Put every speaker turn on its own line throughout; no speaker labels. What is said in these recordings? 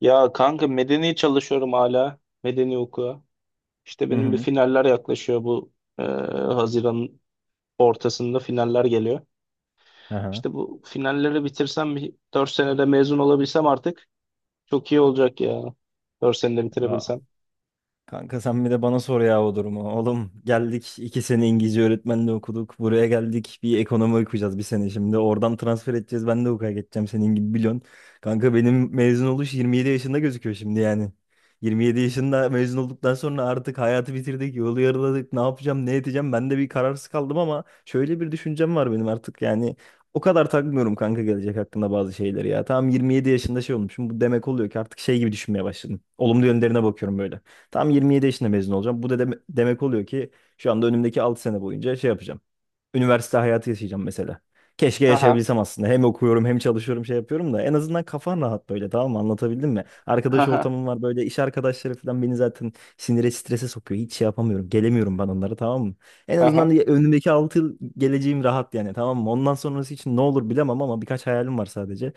Ya kanka medeni çalışıyorum hala. Medeni hukuka. İşte
Hı
benim bir
hı.
finaller yaklaşıyor bu e, Haziran'ın ortasında finaller geliyor.
Aha.
İşte bu finalleri bitirsem bir 4 senede mezun olabilsem artık çok iyi olacak ya. Dört senede
Ya,
bitirebilsem.
kanka sen bir de bana sor ya o durumu. Oğlum geldik 2 sene İngilizce öğretmenliği okuduk. Buraya geldik bir ekonomi okuyacağız bir sene şimdi. Oradan transfer edeceğiz. Ben de hukuka geçeceğim senin gibi biliyorsun. Kanka benim mezun oluş 27 yaşında gözüküyor şimdi yani. 27 yaşında mezun olduktan sonra artık hayatı bitirdik, yolu yarıladık. Ne yapacağım, ne edeceğim? Ben de bir kararsız kaldım ama şöyle bir düşüncem var benim artık yani. O kadar takmıyorum kanka gelecek hakkında bazı şeyleri ya. Tamam, 27 yaşında şey olmuşum. Bu demek oluyor ki artık şey gibi düşünmeye başladım. Olumlu yönlerine bakıyorum böyle. Tam 27 yaşında mezun olacağım. Bu da demek oluyor ki şu anda önümdeki 6 sene boyunca şey yapacağım. Üniversite hayatı yaşayacağım mesela. Keşke
Aha,
yaşayabilsem aslında. Hem okuyorum hem çalışıyorum şey yapıyorum da en azından kafan rahat böyle, tamam mı? Anlatabildim mi? Arkadaş
aha,
ortamım var böyle, iş arkadaşları falan beni zaten sinire, strese sokuyor. Hiç şey yapamıyorum. Gelemiyorum ben onlara, tamam mı? En azından
aha.
önümdeki 6 yıl geleceğim rahat yani, tamam mı? Ondan sonrası için ne olur bilemem ama birkaç hayalim var sadece.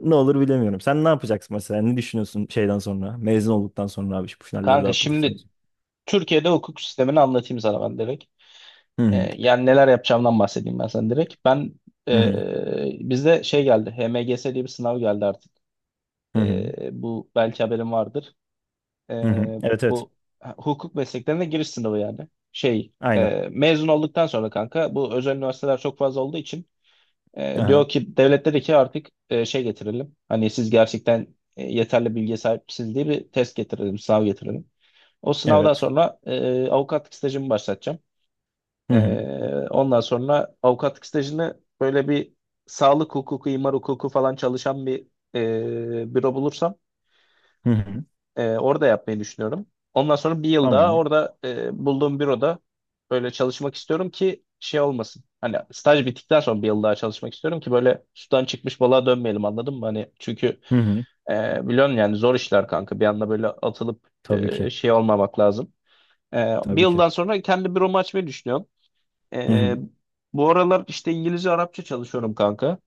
Ne olur bilemiyorum. Sen ne yapacaksın mesela? Ne düşünüyorsun şeyden sonra? Mezun olduktan sonra abi şu finalleri de
Kanka
atlatırsan.
şimdi Türkiye'de hukuk sistemini anlatayım sana ben direkt.
Hı hı.
Yani neler yapacağımdan bahsedeyim ben sana direkt. Ben
Hı hı.
e, bizde şey geldi. HMGS diye bir sınav geldi artık.
Hı hı.
Bu belki haberin vardır. E,
Hı hı. Evet, evet.
bu ha, hukuk mesleklerine giriş sınavı yani. Şey
Aynen.
e, mezun olduktan sonra kanka bu özel üniversiteler çok fazla olduğu için
Aha.
diyor ki devlet dedi ki artık şey getirelim. Hani siz gerçekten yeterli bilgiye sahipsiniz diye bir test getirelim, sınav getirelim. O sınavdan
Evet.
sonra avukatlık stajımı başlatacağım.
Hı hı.
Ondan sonra avukatlık stajını böyle bir sağlık hukuku, imar hukuku falan çalışan bir büro bulursam
Hı hı.
orada yapmayı düşünüyorum. Ondan sonra bir yıl daha
Tamamdır.
orada bulduğum büroda böyle çalışmak istiyorum ki şey olmasın. Hani staj bittikten sonra bir yıl daha çalışmak istiyorum ki böyle sudan çıkmış balığa dönmeyelim anladın mı? Hani çünkü
Hı hı.
biliyorsun yani zor işler kanka. Bir anda böyle atılıp
Tabii ki.
şey olmamak lazım. Bir
Tabii ki.
yıldan sonra kendi büromu açmayı düşünüyorum.
Hı
Ee,
hı.
Bu aralar işte İngilizce Arapça çalışıyorum kanka.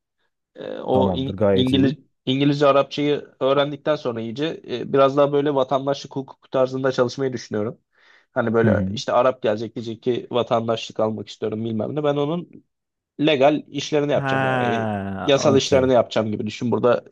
Ee, o
Tamamdır.
İng-
Gayet
İngiliz
iyi.
İngilizce Arapçayı öğrendikten sonra iyice biraz daha böyle vatandaşlık hukuku tarzında çalışmayı düşünüyorum. Hani
Hı
böyle
hı.
işte Arap gelecek diyecek ki vatandaşlık almak istiyorum bilmem ne. Ben onun legal işlerini yapacağım ya.
Ha,
Yasal
okey.
işlerini yapacağım gibi düşün. Burada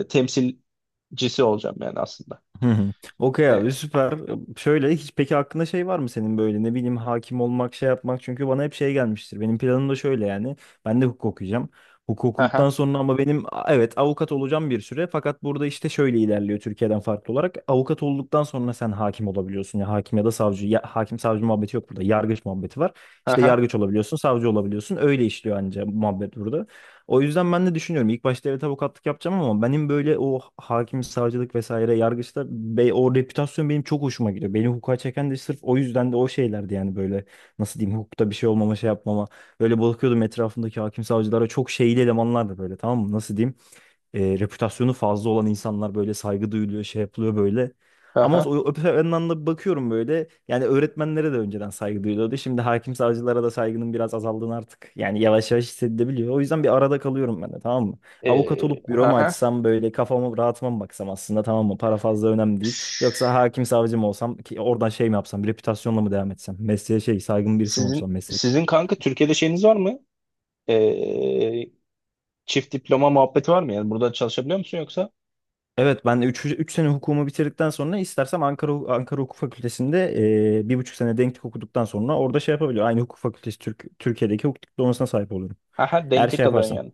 temsilcisi olacağım yani aslında.
Hı hı. Okey
E,
abi, süper. Şöyle hiç peki hakkında şey var mı senin, böyle ne bileyim hakim olmak şey yapmak, çünkü bana hep şey gelmiştir. Benim planım da şöyle yani, ben de hukuk okuyacağım. Hukuk
ha
okuduktan
ha
sonra ama benim evet, avukat olacağım bir süre, fakat burada işte şöyle ilerliyor Türkiye'den farklı olarak. Avukat olduktan sonra sen hakim olabiliyorsun, ya hakim ya da savcı ya, hakim savcı muhabbeti yok burada, yargıç muhabbeti var.
ha
İşte
ha
yargıç olabiliyorsun, savcı olabiliyorsun, öyle işliyor anca muhabbet burada. O yüzden ben de düşünüyorum. İlk başta evet avukatlık yapacağım ama benim böyle o hakim, savcılık vesaire yargıçta be, o reputasyon benim çok hoşuma gidiyor. Beni hukuka çeken de sırf o yüzden de o şeylerdi yani, böyle nasıl diyeyim, hukukta bir şey olmama şey yapmama. Böyle bakıyordum etrafımdaki hakim savcılara, çok şeyli elemanlardı böyle, tamam mı, nasıl diyeyim, reputasyonu fazla olan insanlar, böyle saygı duyuluyor, şey yapılıyor böyle. Ama
ha.
o öte yandan da bakıyorum böyle, yani öğretmenlere de önceden saygı duyuluyordu. Şimdi hakim savcılara da saygının biraz azaldığını artık yani yavaş yavaş hissedilebiliyor. O yüzden bir arada kalıyorum ben de, tamam mı? Avukat
E,
olup büromu
ha
açsam böyle kafamı rahatıma mı baksam aslında, tamam mı? Para fazla önemli
ha.
değil. Yoksa hakim savcı mı olsam ki oradan şey mi yapsam, reputasyonla mı devam etsem? Mesleğe şey saygın birisi mi olsam,
Sizin
meslek.
sizin kanka Türkiye'de şeyiniz var mı? Ee, Çift diploma muhabbeti var mı? Yani burada çalışabiliyor musun yoksa?
Evet ben 3 üç, üç sene hukumu bitirdikten sonra istersem Ankara Hukuk Fakültesi'nde 1,5 sene denklik okuduktan sonra orada şey yapabiliyorum. Aynı hukuk fakültesi Türkiye'deki hukuk diplomasına sahip oluyorum.
Haha,
Eğer şey
denklik alıyorsun
yaparsam.
yani.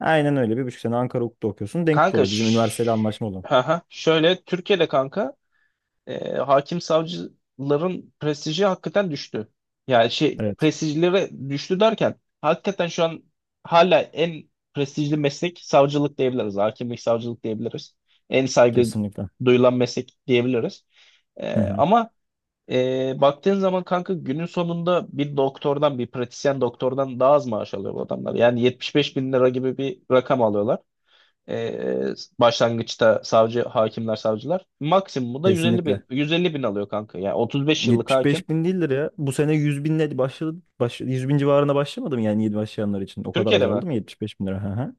Aynen öyle, 1,5 sene Ankara Hukuk'ta okuyorsun, denklik
Kanka
oluyor. Bizim üniversiteyle
şş-
anlaşma olan.
Şöyle Türkiye'de kanka hakim savcıların prestiji hakikaten düştü. Yani şey
Evet,
prestijlere düştü derken hakikaten şu an hala en prestijli meslek savcılık diyebiliriz. Hakimlik savcılık diyebiliriz. En saygı
kesinlikle.
duyulan meslek diyebiliriz. Ee,
Hı hı.
ama Baktığın zaman kanka günün sonunda bir doktordan bir pratisyen doktordan daha az maaş alıyor bu adamlar. Yani 75 bin lira gibi bir rakam alıyorlar. E, Başlangıçta savcı, hakimler, savcılar. Maksimumu da 150
Kesinlikle.
bin, 150 bin alıyor kanka. Yani 35 yıllık hakim.
75 bin değildir ya. Bu sene 100 binle başladı. 100 bin civarına başlamadım yani, yeni başlayanlar için. O kadar
Türkiye'de mi?
azaldı mı, 75 bin lira? Hı hı.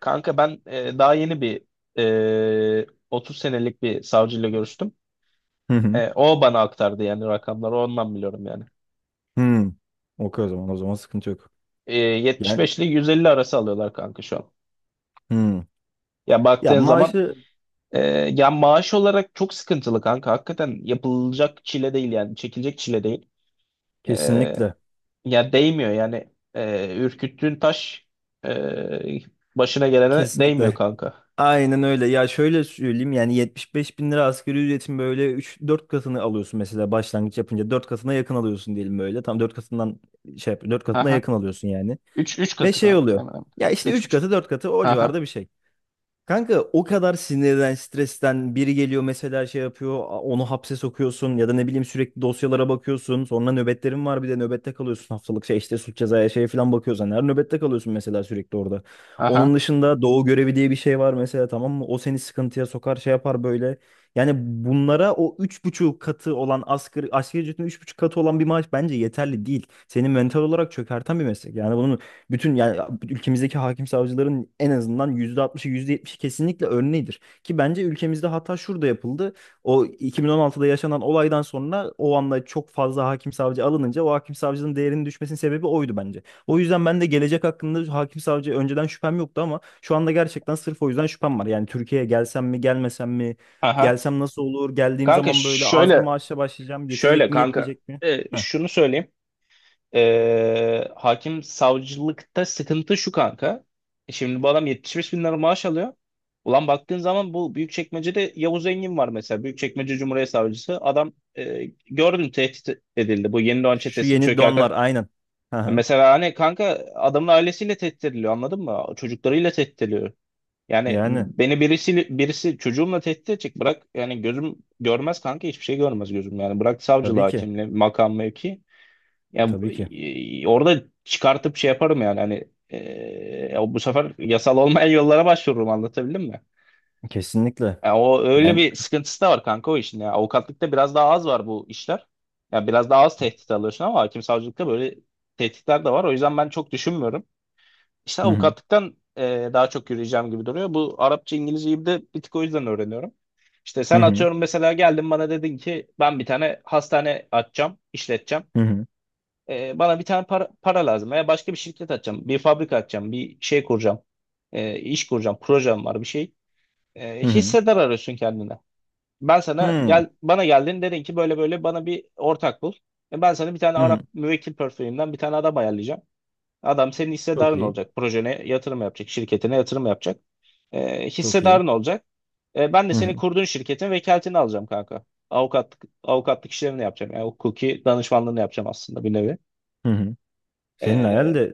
Kanka ben daha yeni bir 30 senelik bir savcıyla görüştüm.
Hı hı.
O bana aktardı yani rakamları ondan biliyorum yani.
Hı. Okey, o zaman sıkıntı yok. Yani,
75 ile 150 arası alıyorlar kanka şu an.
hı.
Ya
Ya
baktığın zaman
maaşı.
Ee, ya maaş olarak çok sıkıntılı kanka. Hakikaten yapılacak çile değil yani. Çekilecek çile değil. Ee,
Kesinlikle.
Ya değmiyor yani. Ürküttüğün taş ee, başına gelene değmiyor
Kesinlikle.
kanka.
Aynen öyle. Ya şöyle söyleyeyim yani, 75 bin lira asgari ücretin böyle üç dört katını alıyorsun mesela, başlangıç yapınca 4 katına yakın alıyorsun diyelim böyle. Tam dört katından şey yap, 4 katına
Aha.
yakın alıyorsun yani.
Üç, üç
Ve
katı
şey
kanka.
oluyor.
Hemen hemen.
Ya işte
Üç
3
buçuk.
katı 4 katı o
Aha.
civarda bir şey. Kanka o kadar sinirden, stresten biri geliyor mesela, şey yapıyor, onu hapse sokuyorsun ya da ne bileyim sürekli dosyalara bakıyorsun. Sonra nöbetlerin var, bir de nöbette kalıyorsun haftalık, şey işte suç cezaya şey falan bakıyorsan her nöbette kalıyorsun mesela, sürekli orada.
Aha.
Onun dışında doğu görevi diye bir şey var mesela, tamam mı? O seni sıkıntıya sokar, şey yapar böyle. Yani bunlara o 3,5 katı olan asgari ücretin 3,5 katı olan bir maaş bence yeterli değil. Seni mental olarak çökerten bir meslek. Yani bunun bütün yani ülkemizdeki hakim savcıların en azından %60'ı, 70'i kesinlikle örneğidir. Ki bence ülkemizde hata şurada yapıldı. O 2016'da yaşanan olaydan sonra o anda çok fazla hakim savcı alınınca, o hakim savcının değerinin düşmesinin sebebi oydu bence. O yüzden ben de gelecek hakkında hakim savcı önceden şüphem yoktu ama şu anda gerçekten sırf o yüzden şüphem var. Yani Türkiye'ye gelsem mi gelmesem mi?
Aha.
Gelsem nasıl olur? Geldiğim
Kanka
zaman böyle az bir
şöyle
maaşla başlayacağım. Yetecek
şöyle
mi
kanka.
yetmeyecek mi? Heh.
Şunu söyleyeyim. Hakim savcılıkta sıkıntı şu kanka. Şimdi bu adam 75 bin lira maaş alıyor. Ulan baktığın zaman bu Büyükçekmece'de Yavuz Engin var mesela. Büyükçekmece Cumhuriyet Savcısı. Adam e, gördün tehdit edildi. Bu Yeni Doğan
Şu
Çetesi'nin
yeni
çökerken.
donlar, aynen. Hı hı.
Mesela hani kanka adamın ailesiyle tehdit ediliyor anladın mı? Çocuklarıyla tehdit ediliyor. Yani
Yani.
beni birisi çocuğumla tehdit edecek bırak yani gözüm görmez kanka hiçbir şey görmez gözüm yani bırak savcılığı
Tabii ki.
hakimliği makam mevki ya
Tabii ki.
orada çıkartıp şey yaparım yani hani ya bu sefer yasal olmayan yollara başvururum anlatabildim mi?
Kesinlikle.
Ya o öyle
Yani,
bir sıkıntısı da var kanka o işin ya. Avukatlıkta biraz daha az var bu işler. Ya biraz daha az tehdit alıyorsun ama hakim savcılıkta böyle tehditler de var. O yüzden ben çok düşünmüyorum. İşte
hı hı
avukatlıktan daha çok yürüyeceğim gibi duruyor. Bu Arapça İngilizceyi de bir tık o yüzden öğreniyorum. İşte
hı
sen
hı
atıyorum mesela geldin bana dedin ki ben bir tane hastane açacağım, işleteceğim.
hı hı
Bana bir tane para lazım veya başka bir şirket açacağım, bir fabrika açacağım, bir şey kuracağım, iş kuracağım, projem var bir şey.
hı
Hissedar arıyorsun kendine. Ben
hı
sana
hı.
gel bana geldin dedin ki böyle böyle bana bir ortak bul. Ben sana bir tane
Hı.
Arap müvekkil portföyümden bir tane adam ayarlayacağım. Adam senin
Çok
hissedarın
iyi.
olacak. Projene yatırım yapacak, şirketine yatırım yapacak.
Çok iyi.
Hissedarın olacak. Ben de
Hı
senin
hı
kurduğun şirketin vekaletini alacağım kanka. Avukatlık işlerini yapacağım. Yani hukuki danışmanlığını yapacağım aslında bir nevi.
hı hı. Senin hayal
E,
de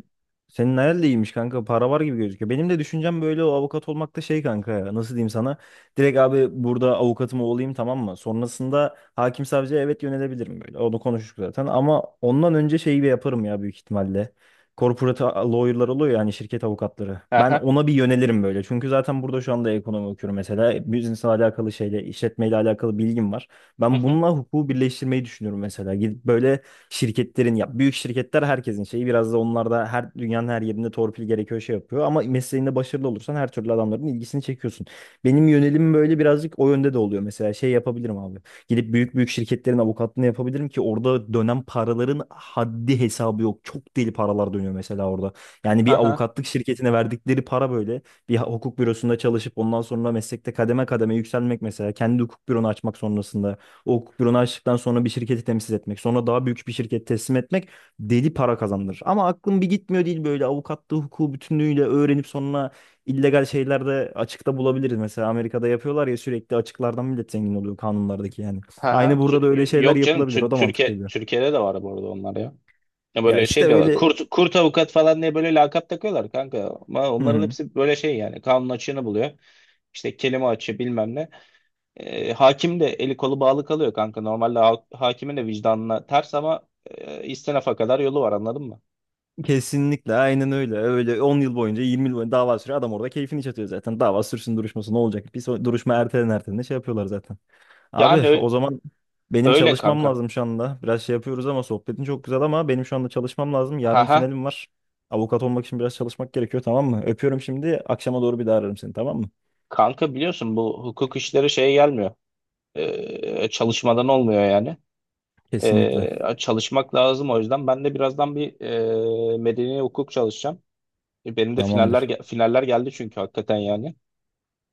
senin hayal de iyiymiş kanka. Para var gibi gözüküyor. Benim de düşüncem böyle, o avukat olmak da şey kanka ya. Nasıl diyeyim sana? Direkt abi burada avukatım olayım, tamam mı? Sonrasında hakim savcıya evet yönelebilirim böyle. Onu konuştuk zaten, ama ondan önce şeyi bir yaparım ya, büyük ihtimalle. Corporate lawyer'lar oluyor yani, şirket avukatları. Ben
aha.
ona bir yönelirim böyle. Çünkü zaten burada şu anda ekonomi okuyorum mesela. Business'la alakalı şeyle, işletmeyle alakalı bilgim var.
Hı
Ben
hı.
bununla hukuku birleştirmeyi düşünüyorum mesela. Gidip böyle şirketlerin, ya büyük şirketler herkesin şeyi, biraz da onlar da her dünyanın her yerinde torpil gerekiyor, şey yapıyor, ama mesleğinde başarılı olursan her türlü adamların ilgisini çekiyorsun. Benim yönelim böyle birazcık o yönde de oluyor mesela, şey yapabilirim abi. Gidip büyük büyük şirketlerin avukatlığını yapabilirim ki orada dönen paraların haddi hesabı yok. Çok deli paralar dönüyor mesela orada. Yani
Hı
bir
hı.
avukatlık şirketine verdikleri para, böyle bir hukuk bürosunda çalışıp ondan sonra meslekte kademe kademe yükselmek, mesela kendi hukuk büronu açmak sonrasında, o fırını açtıktan sonra bir şirketi temsil etmek, sonra daha büyük bir şirket teslim etmek, deli para kazandırır. Ama aklım bir gitmiyor değil böyle, avukatlığı, hukuku bütünlüğüyle öğrenip sonra illegal şeylerde açıkta bulabiliriz. Mesela Amerika'da yapıyorlar ya, sürekli açıklardan millet zengin oluyor kanunlardaki yani.
Hı hı.
Aynı burada da öyle şeyler
Yok canım
yapılabilir. O
Tür-
da mantıklı
Türkiye
geliyor.
Türkiye'de de var bu arada onlar ya. Ya
Ya
böyle
işte
şey diyorlar.
öyle.
Kurt avukat falan diye böyle lakap takıyorlar kanka. Ama
Hı
onların
hı.
hepsi böyle şey yani. Kanun açığını buluyor. İşte kelime açığı bilmem ne. Hakim de eli kolu bağlı kalıyor kanka. Normalde hakimin de vicdanına ters ama istinafa kadar yolu var anladın mı?
Kesinlikle, aynen öyle. Öyle 10 yıl boyunca, 20 yıl boyunca dava sürüyor. Adam orada keyfini çatıyor zaten. Dava sürsün, duruşması ne olacak? Bir duruşma ertelen ertelen şey yapıyorlar zaten.
Yani
Abi
ö-
o zaman benim
öyle
çalışmam
kanka.
lazım şu anda. Biraz şey yapıyoruz ama sohbetin çok güzel, ama benim şu anda çalışmam lazım. Yarın
Haha.
finalim var. Avukat olmak için biraz çalışmak gerekiyor, tamam mı? Öpüyorum şimdi. Akşama doğru bir daha ararım seni, tamam mı?
Kanka biliyorsun bu hukuk işleri şeye gelmiyor. Çalışmadan olmuyor yani.
Kesinlikle.
Çalışmak lazım o yüzden. Ben de birazdan bir medeni hukuk çalışacağım. Benim de
Tamamdır.
finaller geldi çünkü hakikaten yani.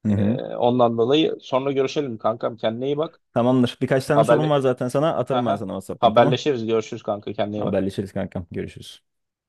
Hı hı.
Ondan dolayı sonra görüşelim kankam. Kendine iyi bak.
Tamamdır. Birkaç tane sorum
Haberle
var zaten sana. Atarım ben
Haha.
sana WhatsApp'tan, tamam.
Haberleşiriz. Görüşürüz kanka. Kendine iyi bak.
Haberleşiriz kankam. Görüşürüz.